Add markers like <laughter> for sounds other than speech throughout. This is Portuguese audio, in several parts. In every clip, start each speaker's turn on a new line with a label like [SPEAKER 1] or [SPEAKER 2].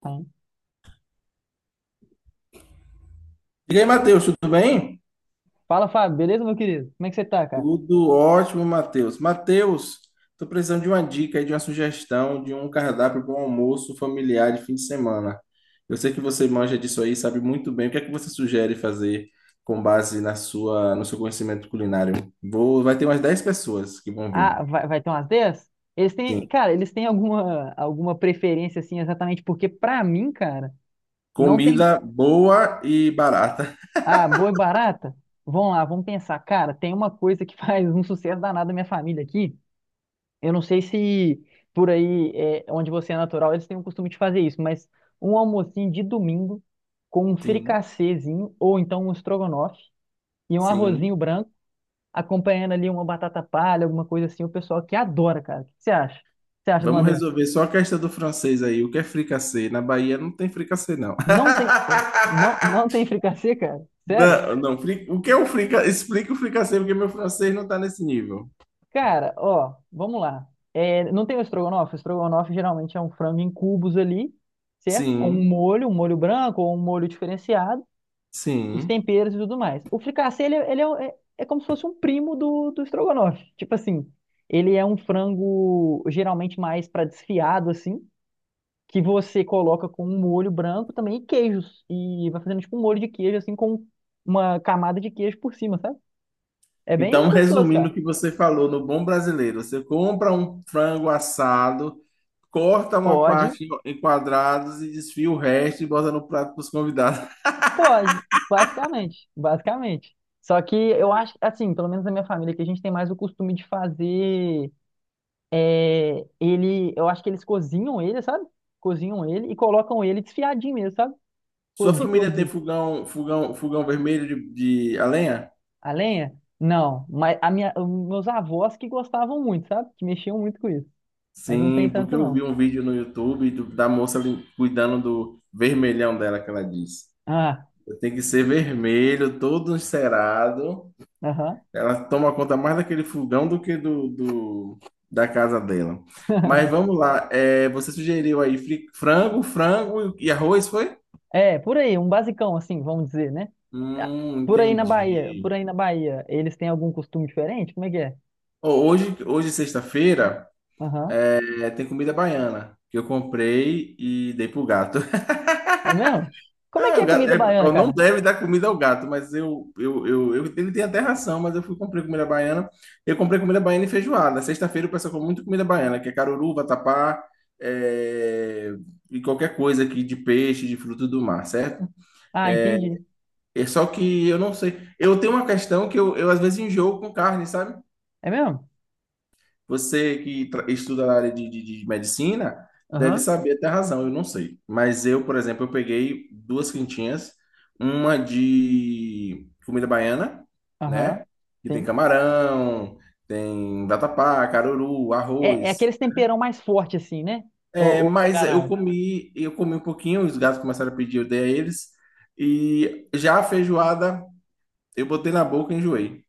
[SPEAKER 1] Então,
[SPEAKER 2] E aí, Matheus, tudo bem?
[SPEAKER 1] Fala, Fábio, beleza, meu querido? Como é que você tá, cara?
[SPEAKER 2] Tudo ótimo, Matheus. Tô precisando de uma dica, aí, de uma sugestão, de um cardápio para um almoço familiar de fim de semana. Eu sei que você manja disso aí, sabe muito bem. O que é que você sugere fazer com base no seu conhecimento culinário? Vai ter umas 10 pessoas que vão vir.
[SPEAKER 1] Ah, vai ter umas 10. Eles
[SPEAKER 2] Sim.
[SPEAKER 1] têm, cara, eles têm alguma preferência, assim, exatamente porque, pra mim, cara, não tem.
[SPEAKER 2] Comida boa e barata.
[SPEAKER 1] Ah, boa e barata? Vamos lá, vamos pensar. Cara, tem uma coisa que <laughs> faz um sucesso danado na minha família aqui. Eu não sei se por aí, é, onde você é natural, eles têm o costume de fazer isso, mas um almocinho de domingo com um
[SPEAKER 2] Sim,
[SPEAKER 1] fricassezinho ou então um estrogonofe e um
[SPEAKER 2] sim.
[SPEAKER 1] arrozinho branco acompanhando ali uma batata palha, alguma coisa assim, o pessoal que adora, cara. O que você acha? O que você acha de uma
[SPEAKER 2] Vamos
[SPEAKER 1] dessa?
[SPEAKER 2] resolver só a questão do francês aí. O que é fricassê? Na Bahia não tem fricassê, não.
[SPEAKER 1] Não tem,
[SPEAKER 2] <laughs>
[SPEAKER 1] não, não tem fricassê, cara? Sério?
[SPEAKER 2] Não, não, o que é o fricassê? Explica o fricassê, porque meu francês não tá nesse nível.
[SPEAKER 1] Cara, ó, vamos lá. É, não tem o estrogonofe? O estrogonofe geralmente é um frango em cubos ali, certo? Com
[SPEAKER 2] Sim,
[SPEAKER 1] um molho branco ou um molho diferenciado, os
[SPEAKER 2] sim.
[SPEAKER 1] temperos e tudo mais. O fricassê, ele é como se fosse um primo do estrogonofe. Tipo assim, ele é um frango geralmente mais para desfiado, assim, que você coloca com um molho branco também e queijos. E vai fazendo tipo um molho de queijo, assim, com uma camada de queijo por cima, sabe? É bem
[SPEAKER 2] Então,
[SPEAKER 1] gostoso,
[SPEAKER 2] resumindo o
[SPEAKER 1] cara.
[SPEAKER 2] que você falou no Bom Brasileiro, você compra um frango assado, corta uma
[SPEAKER 1] Pode,
[SPEAKER 2] parte em quadrados e desfia o resto e bota no prato para os convidados.
[SPEAKER 1] pode, basicamente, basicamente. Só que eu acho, assim, pelo menos na minha família, que a gente tem mais o costume de fazer é ele, eu acho que eles cozinham ele, sabe? Cozinham ele e colocam ele desfiadinho mesmo, sabe?
[SPEAKER 2] <laughs>
[SPEAKER 1] Co-
[SPEAKER 2] Sua
[SPEAKER 1] De
[SPEAKER 2] família tem
[SPEAKER 1] cozido.
[SPEAKER 2] fogão vermelho de a lenha?
[SPEAKER 1] A lenha? Não, mas a minha, os meus avós que gostavam muito, sabe? Que mexiam muito com isso. Mas não
[SPEAKER 2] Sim,
[SPEAKER 1] tem
[SPEAKER 2] porque
[SPEAKER 1] tanto,
[SPEAKER 2] eu vi
[SPEAKER 1] não.
[SPEAKER 2] um vídeo no YouTube da moça cuidando do vermelhão dela, que ela disse.
[SPEAKER 1] Ah,
[SPEAKER 2] Tem que ser vermelho, todo encerado.
[SPEAKER 1] aham.
[SPEAKER 2] Ela toma conta mais daquele fogão do que da casa dela. Mas
[SPEAKER 1] <laughs>
[SPEAKER 2] vamos lá. É, você sugeriu aí frango e arroz, foi?
[SPEAKER 1] É, por aí, um basicão, assim, vamos dizer, né? Ah, Por aí na Bahia, por
[SPEAKER 2] Entendi.
[SPEAKER 1] aí na Bahia, eles têm algum costume diferente? Como é que é?
[SPEAKER 2] Ó, hoje sexta-feira,
[SPEAKER 1] Aham.
[SPEAKER 2] tem comida baiana que eu comprei e dei pro gato. <laughs>
[SPEAKER 1] É mesmo? Como é que
[SPEAKER 2] Ah, o
[SPEAKER 1] é
[SPEAKER 2] gato,
[SPEAKER 1] comida baiana,
[SPEAKER 2] ó, não
[SPEAKER 1] cara?
[SPEAKER 2] deve dar comida ao gato, mas ele tem até ração, mas eu fui comprei comida baiana. Eu comprei comida baiana e feijoada. Sexta-feira o pessoal come muito comida baiana, que é caruru, vatapá, é, e qualquer coisa aqui de peixe, de fruto do mar, certo?
[SPEAKER 1] Ah, entendi.
[SPEAKER 2] É só que eu não sei. Eu tenho uma questão que eu às vezes enjoo com carne, sabe?
[SPEAKER 1] É mesmo?
[SPEAKER 2] Você que estuda na área de medicina deve
[SPEAKER 1] Aham.
[SPEAKER 2] saber até a razão, eu não sei. Mas eu, por exemplo, eu peguei duas quentinhas, uma de comida baiana,
[SPEAKER 1] Aham.
[SPEAKER 2] né? Que tem
[SPEAKER 1] Sim.
[SPEAKER 2] camarão, tem vatapá, caruru,
[SPEAKER 1] É, é
[SPEAKER 2] arroz.
[SPEAKER 1] aqueles temperão mais forte, assim, né? Ou,
[SPEAKER 2] É,
[SPEAKER 1] ou eu tô
[SPEAKER 2] mas
[SPEAKER 1] enganado.
[SPEAKER 2] eu comi um pouquinho, os gatos começaram a pedir, eu dei a eles. E já a feijoada, eu botei na boca e enjoei.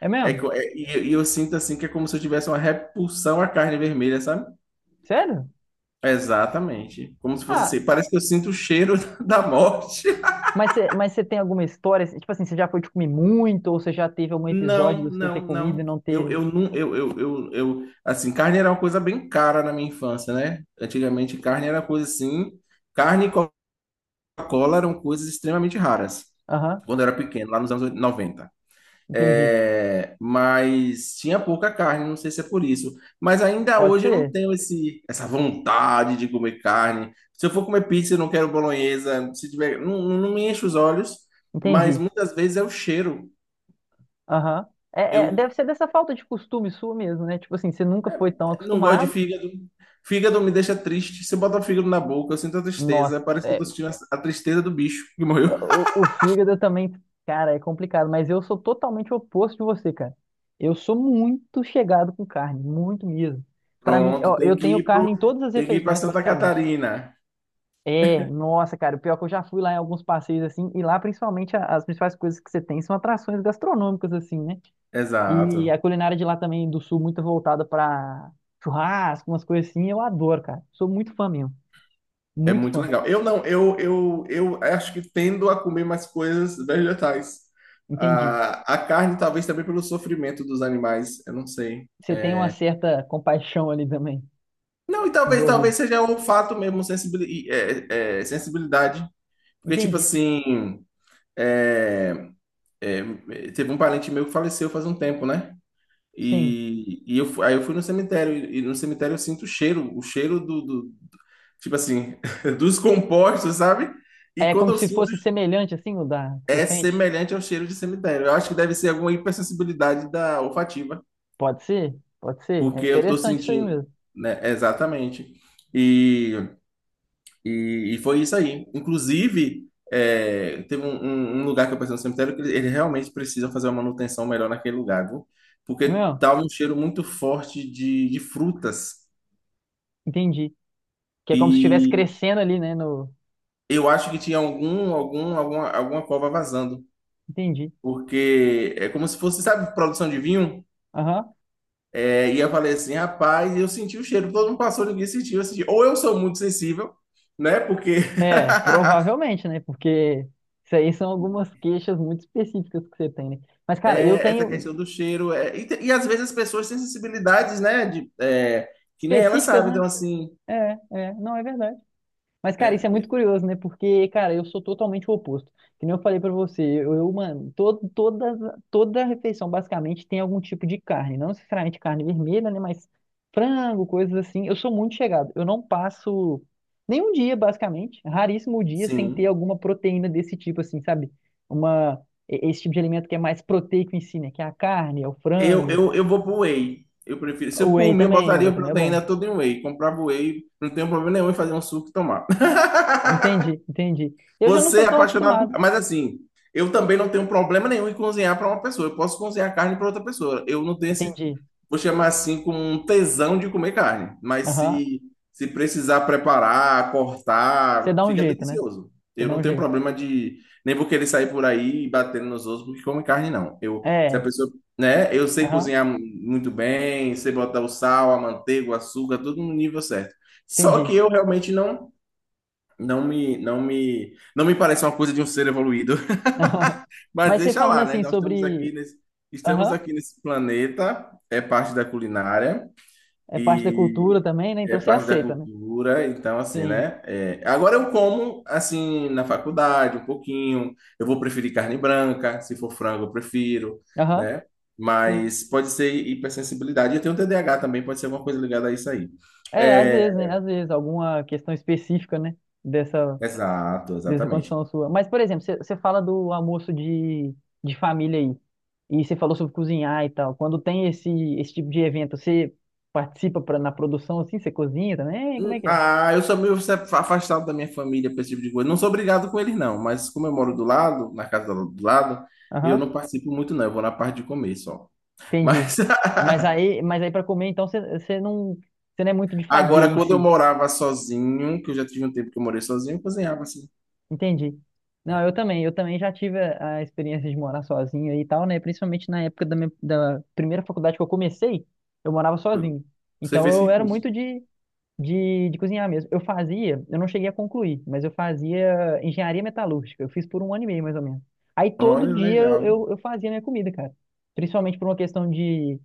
[SPEAKER 1] É
[SPEAKER 2] É,
[SPEAKER 1] mesmo?
[SPEAKER 2] eu sinto assim que é como se eu tivesse uma repulsão à carne vermelha, sabe?
[SPEAKER 1] Sério?
[SPEAKER 2] Exatamente. Como se fosse
[SPEAKER 1] Ah,
[SPEAKER 2] assim. Parece que eu sinto o cheiro <laughs> da morte.
[SPEAKER 1] mas você tem alguma história, assim, tipo assim, você já foi de comer muito, ou você já teve algum episódio
[SPEAKER 2] Não,
[SPEAKER 1] de você
[SPEAKER 2] não,
[SPEAKER 1] ter comido
[SPEAKER 2] não.
[SPEAKER 1] e não ter...
[SPEAKER 2] Não, assim, carne era uma coisa bem cara na minha infância, né? Antigamente, carne era coisa assim. Carne e Coca-Cola eram coisas extremamente raras.
[SPEAKER 1] Aham,
[SPEAKER 2] Quando eu era pequeno, lá nos anos 90.
[SPEAKER 1] entendi.
[SPEAKER 2] Mas tinha pouca carne, não sei se é por isso. Mas ainda
[SPEAKER 1] Pode
[SPEAKER 2] hoje eu não
[SPEAKER 1] ser.
[SPEAKER 2] tenho esse, essa vontade de comer carne. Se eu for comer pizza, eu não quero bolonhesa. Se tiver, não, não me enche os olhos, mas
[SPEAKER 1] Entendi.
[SPEAKER 2] muitas vezes é o cheiro.
[SPEAKER 1] Aham. É, é,
[SPEAKER 2] Eu
[SPEAKER 1] deve ser dessa falta de costume sua mesmo, né? Tipo assim, você nunca foi tão
[SPEAKER 2] não gosto de
[SPEAKER 1] acostumado.
[SPEAKER 2] fígado. Fígado me deixa triste. Se eu botar fígado na boca, eu sinto a tristeza.
[SPEAKER 1] Nossa,
[SPEAKER 2] Parece que eu
[SPEAKER 1] é,
[SPEAKER 2] tô sentindo a tristeza do bicho que morreu.
[SPEAKER 1] o fígado também, cara, é complicado, mas eu sou totalmente oposto de você, cara. Eu sou muito chegado com carne, muito mesmo.
[SPEAKER 2] <laughs>
[SPEAKER 1] Pra mim,
[SPEAKER 2] Pronto,
[SPEAKER 1] ó, eu tenho carne em todas as
[SPEAKER 2] tem que ir para
[SPEAKER 1] refeições,
[SPEAKER 2] Santa
[SPEAKER 1] basicamente.
[SPEAKER 2] Catarina.
[SPEAKER 1] É, nossa, cara, o pior é que eu já fui lá em alguns passeios assim, e lá principalmente as principais coisas que você tem são atrações gastronômicas, assim, né? E a
[SPEAKER 2] Exato.
[SPEAKER 1] culinária de lá também do sul muito voltada para churrasco, umas coisas assim, eu adoro, cara. Sou muito fã mesmo,
[SPEAKER 2] É
[SPEAKER 1] muito
[SPEAKER 2] muito
[SPEAKER 1] fã.
[SPEAKER 2] legal. Eu não, eu acho que tendo a comer mais coisas vegetais.
[SPEAKER 1] Entendi.
[SPEAKER 2] Ah, a carne, talvez também pelo sofrimento dos animais, eu não sei.
[SPEAKER 1] Você tem uma certa compaixão ali também
[SPEAKER 2] Não, e
[SPEAKER 1] envolvida.
[SPEAKER 2] talvez seja o fato mesmo, sensibilidade. Porque, tipo
[SPEAKER 1] Entendi.
[SPEAKER 2] assim, é, é, teve um parente meu que faleceu faz um tempo, né?
[SPEAKER 1] Sim.
[SPEAKER 2] E, eu, aí eu fui no cemitério, e no cemitério eu sinto o cheiro tipo assim, <laughs> dos compostos, sabe? E
[SPEAKER 1] É
[SPEAKER 2] quando
[SPEAKER 1] como
[SPEAKER 2] eu
[SPEAKER 1] se
[SPEAKER 2] sinto
[SPEAKER 1] fosse semelhante assim o da que você
[SPEAKER 2] é
[SPEAKER 1] sente?
[SPEAKER 2] semelhante ao cheiro de cemitério. Eu acho que deve ser alguma hipersensibilidade da olfativa,
[SPEAKER 1] Pode ser? Pode ser. É
[SPEAKER 2] porque eu tô
[SPEAKER 1] interessante isso aí
[SPEAKER 2] sentindo,
[SPEAKER 1] mesmo.
[SPEAKER 2] né? Exatamente. E, foi isso aí. Inclusive, teve um lugar que eu pensei no cemitério que eles realmente precisam fazer uma manutenção melhor naquele lugar, viu?
[SPEAKER 1] É
[SPEAKER 2] Porque
[SPEAKER 1] mesmo?
[SPEAKER 2] tava um cheiro muito forte de frutas.
[SPEAKER 1] Entendi. Que é como se estivesse
[SPEAKER 2] E
[SPEAKER 1] crescendo ali, né, no.
[SPEAKER 2] eu acho que tinha alguma cova vazando.
[SPEAKER 1] Entendi.
[SPEAKER 2] Porque é como se fosse, sabe, produção de vinho?
[SPEAKER 1] Aham.
[SPEAKER 2] É, e eu falei assim, rapaz, eu senti o cheiro, todo mundo passou, ninguém sentiu, eu senti. Ou eu sou muito sensível, né? Porque
[SPEAKER 1] É,
[SPEAKER 2] <laughs>
[SPEAKER 1] provavelmente, né? Porque isso aí são algumas queixas muito específicas que você tem, né? Mas, cara, eu
[SPEAKER 2] essa
[SPEAKER 1] tenho.
[SPEAKER 2] questão do cheiro. E às vezes as pessoas têm sensibilidades, né? Que nem elas
[SPEAKER 1] Específicas,
[SPEAKER 2] sabem.
[SPEAKER 1] né?
[SPEAKER 2] Então, assim,
[SPEAKER 1] É, é, não é verdade. Mas, cara, isso é muito curioso, né? Porque, cara, eu sou totalmente o oposto. Que nem eu falei pra você, mano, toda refeição basicamente tem algum tipo de carne. Não necessariamente carne vermelha, né? Mas frango, coisas assim. Eu sou muito chegado. Eu não passo nenhum dia, basicamente, raríssimo dia, sem ter
[SPEAKER 2] sim,
[SPEAKER 1] alguma proteína desse tipo, assim, sabe? Uma, esse tipo de alimento que é mais proteico em si, né? Que é a carne, é o frango.
[SPEAKER 2] eu vou pro whey. Eu prefiro. Se por mim, eu
[SPEAKER 1] O
[SPEAKER 2] botaria
[SPEAKER 1] whey
[SPEAKER 2] a
[SPEAKER 1] também é bom.
[SPEAKER 2] proteína toda em whey. Comprava o whey, não tenho problema nenhum em fazer um suco e tomar.
[SPEAKER 1] Entendi, entendi. Eu já não
[SPEAKER 2] Você
[SPEAKER 1] sou
[SPEAKER 2] é
[SPEAKER 1] tão
[SPEAKER 2] apaixonado
[SPEAKER 1] acostumado.
[SPEAKER 2] por... Mas assim, eu também não tenho problema nenhum em cozinhar para uma pessoa. Eu posso cozinhar carne para outra pessoa. Eu não tenho esse,
[SPEAKER 1] Entendi.
[SPEAKER 2] vou chamar assim, como um tesão de comer carne. Mas
[SPEAKER 1] Aham.
[SPEAKER 2] se precisar preparar,
[SPEAKER 1] Você
[SPEAKER 2] cortar,
[SPEAKER 1] dá um
[SPEAKER 2] fica
[SPEAKER 1] jeito, né?
[SPEAKER 2] delicioso.
[SPEAKER 1] Você
[SPEAKER 2] Eu
[SPEAKER 1] dá
[SPEAKER 2] não
[SPEAKER 1] um
[SPEAKER 2] tenho
[SPEAKER 1] jeito.
[SPEAKER 2] problema de. Nem vou querer sair por aí batendo nos outros porque come carne, não. Eu, se a
[SPEAKER 1] É.
[SPEAKER 2] pessoa. Né? Eu sei
[SPEAKER 1] Aham.
[SPEAKER 2] cozinhar muito bem, sei botar o sal, a manteiga, o açúcar, tudo no nível certo. Só
[SPEAKER 1] Entendi.
[SPEAKER 2] que eu realmente não. Não me parece uma coisa de um ser evoluído, <laughs>
[SPEAKER 1] <laughs> Aham.
[SPEAKER 2] mas
[SPEAKER 1] Mas você
[SPEAKER 2] deixa
[SPEAKER 1] falando
[SPEAKER 2] lá, né?
[SPEAKER 1] assim
[SPEAKER 2] Nós
[SPEAKER 1] sobre.
[SPEAKER 2] estamos
[SPEAKER 1] Aham.
[SPEAKER 2] aqui nesse planeta, é parte da culinária
[SPEAKER 1] É parte da cultura
[SPEAKER 2] e
[SPEAKER 1] também, né?
[SPEAKER 2] é
[SPEAKER 1] Então você
[SPEAKER 2] parte da
[SPEAKER 1] aceita, né?
[SPEAKER 2] cultura, então assim,
[SPEAKER 1] Sim.
[SPEAKER 2] né? É, agora eu como assim na faculdade um pouquinho, eu vou preferir carne branca, se for frango eu prefiro,
[SPEAKER 1] Aham.
[SPEAKER 2] né?
[SPEAKER 1] Sim.
[SPEAKER 2] Mas pode ser hipersensibilidade. Eu tenho TDAH também, pode ser alguma coisa ligada a isso aí.
[SPEAKER 1] É, às
[SPEAKER 2] É,
[SPEAKER 1] vezes, né? Às vezes, alguma questão específica, né? Dessa.
[SPEAKER 2] exato,
[SPEAKER 1] Dessa
[SPEAKER 2] exatamente.
[SPEAKER 1] condição sua. Mas, por exemplo, você fala do almoço de família aí, e você falou sobre cozinhar e tal. Quando tem esse tipo de evento, você participa pra, na produção assim? Você cozinha também? Como é que é?
[SPEAKER 2] Ah, eu sou meio afastado da minha família para esse tipo de coisa. Não sou obrigado com eles, não, mas como eu moro do lado, na casa do lado, eu
[SPEAKER 1] Aham,
[SPEAKER 2] não participo muito, não. Eu vou na parte de comer só.
[SPEAKER 1] entendi.
[SPEAKER 2] Mas <laughs>
[SPEAKER 1] Mas aí para comer, então você não, você não é muito de fazer
[SPEAKER 2] agora,
[SPEAKER 1] em
[SPEAKER 2] quando eu
[SPEAKER 1] si.
[SPEAKER 2] morava sozinho, que eu já tive um tempo que eu morei sozinho, eu cozinhava assim.
[SPEAKER 1] Entendi. Não, eu também já tive a experiência de morar sozinho e tal, né? Principalmente na época da primeira faculdade que eu comecei, eu morava sozinho.
[SPEAKER 2] Você
[SPEAKER 1] Então
[SPEAKER 2] fez
[SPEAKER 1] eu
[SPEAKER 2] que
[SPEAKER 1] era
[SPEAKER 2] curso?
[SPEAKER 1] muito de de cozinhar mesmo. Eu fazia, eu não cheguei a concluir, mas eu fazia engenharia metalúrgica. Eu fiz por 1 ano e meio, mais ou menos. Aí todo
[SPEAKER 2] Olha,
[SPEAKER 1] dia eu,
[SPEAKER 2] legal.
[SPEAKER 1] eu, eu fazia minha comida, cara. Principalmente por uma questão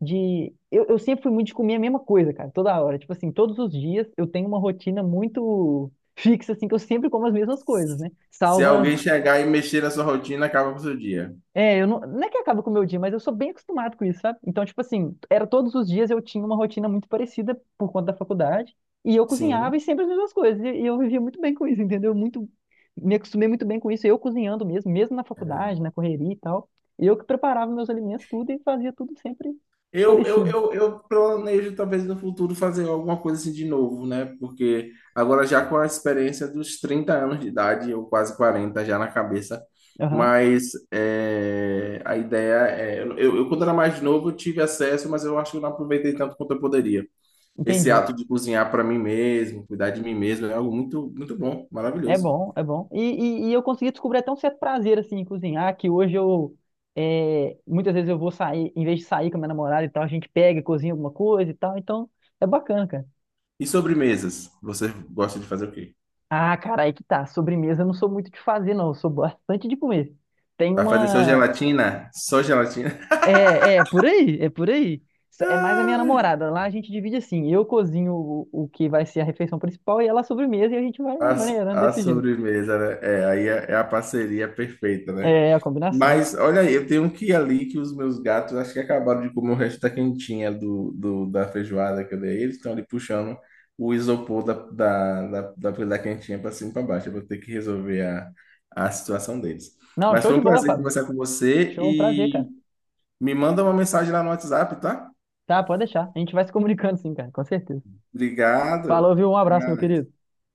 [SPEAKER 1] de... Eu sempre fui muito de comer a mesma coisa, cara, toda hora. Tipo assim, todos os dias eu tenho uma rotina muito fixa, assim, que eu sempre como as mesmas coisas, né?
[SPEAKER 2] Se
[SPEAKER 1] Salvo
[SPEAKER 2] alguém
[SPEAKER 1] as,
[SPEAKER 2] chegar e mexer na sua rotina, acaba com o seu dia.
[SPEAKER 1] é, eu não, não é que acaba com o meu dia, mas eu sou bem acostumado com isso, sabe? Então, tipo assim, era todos os dias eu tinha uma rotina muito parecida por conta da faculdade, e eu cozinhava e
[SPEAKER 2] Sim.
[SPEAKER 1] sempre as mesmas coisas, e eu vivia muito bem com isso, entendeu? Muito, me acostumei muito bem com isso, eu cozinhando mesmo, mesmo na faculdade, na correria e tal, eu que preparava meus alimentos, tudo, e fazia tudo sempre parecido.
[SPEAKER 2] Eu planejo talvez no futuro fazer alguma coisa assim de novo, né? Porque agora já com a experiência dos 30 anos de idade, ou quase 40 já na cabeça,
[SPEAKER 1] Aham,
[SPEAKER 2] mas é, a ideia é. Quando era mais novo, eu tive acesso, mas eu acho que eu não aproveitei tanto quanto eu poderia. Esse
[SPEAKER 1] entendi.
[SPEAKER 2] ato de cozinhar para mim mesmo, cuidar de mim mesmo, é algo muito, muito bom,
[SPEAKER 1] É
[SPEAKER 2] maravilhoso.
[SPEAKER 1] bom, é bom. E eu consegui descobrir até um certo prazer, assim, em cozinhar, que hoje eu, é, muitas vezes eu vou sair, em vez de sair com a minha namorada e tal, a gente pega e cozinha alguma coisa e tal, então é bacana, cara.
[SPEAKER 2] E sobremesas? Você gosta de fazer o quê?
[SPEAKER 1] Ah, cara, aí que tá. Sobremesa eu não sou muito de fazer, não. Eu sou bastante de comer. Tem
[SPEAKER 2] Vai fazer só
[SPEAKER 1] uma...
[SPEAKER 2] gelatina? Só gelatina?
[SPEAKER 1] É, é, por aí, é por aí. Só-
[SPEAKER 2] <laughs>
[SPEAKER 1] É mais a minha
[SPEAKER 2] Ai.
[SPEAKER 1] namorada. Lá a gente divide assim, eu cozinho o que vai ser a refeição principal e ela a sobremesa e a gente vai
[SPEAKER 2] A,
[SPEAKER 1] maneirando
[SPEAKER 2] a
[SPEAKER 1] desse jeito.
[SPEAKER 2] sobremesa, né? É, aí é a parceria perfeita, né?
[SPEAKER 1] É a combinação.
[SPEAKER 2] Mas olha aí, eu tenho um que ali que os meus gatos acho que acabaram de comer o resto da quentinha da feijoada que eu dei. Eles estão ali puxando o isopor da quentinha para cima e para baixo. Eu vou ter que resolver a situação deles.
[SPEAKER 1] Não,
[SPEAKER 2] Mas
[SPEAKER 1] show
[SPEAKER 2] foi
[SPEAKER 1] de
[SPEAKER 2] um
[SPEAKER 1] bola,
[SPEAKER 2] prazer
[SPEAKER 1] Fábio.
[SPEAKER 2] conversar com você
[SPEAKER 1] Show, um prazer,
[SPEAKER 2] e
[SPEAKER 1] cara.
[SPEAKER 2] me manda uma mensagem lá no WhatsApp, tá?
[SPEAKER 1] Tá, pode deixar. A gente vai se comunicando sim, cara, com certeza.
[SPEAKER 2] Obrigado.
[SPEAKER 1] Falou, viu? Um
[SPEAKER 2] Até
[SPEAKER 1] abraço, meu
[SPEAKER 2] mais.
[SPEAKER 1] querido.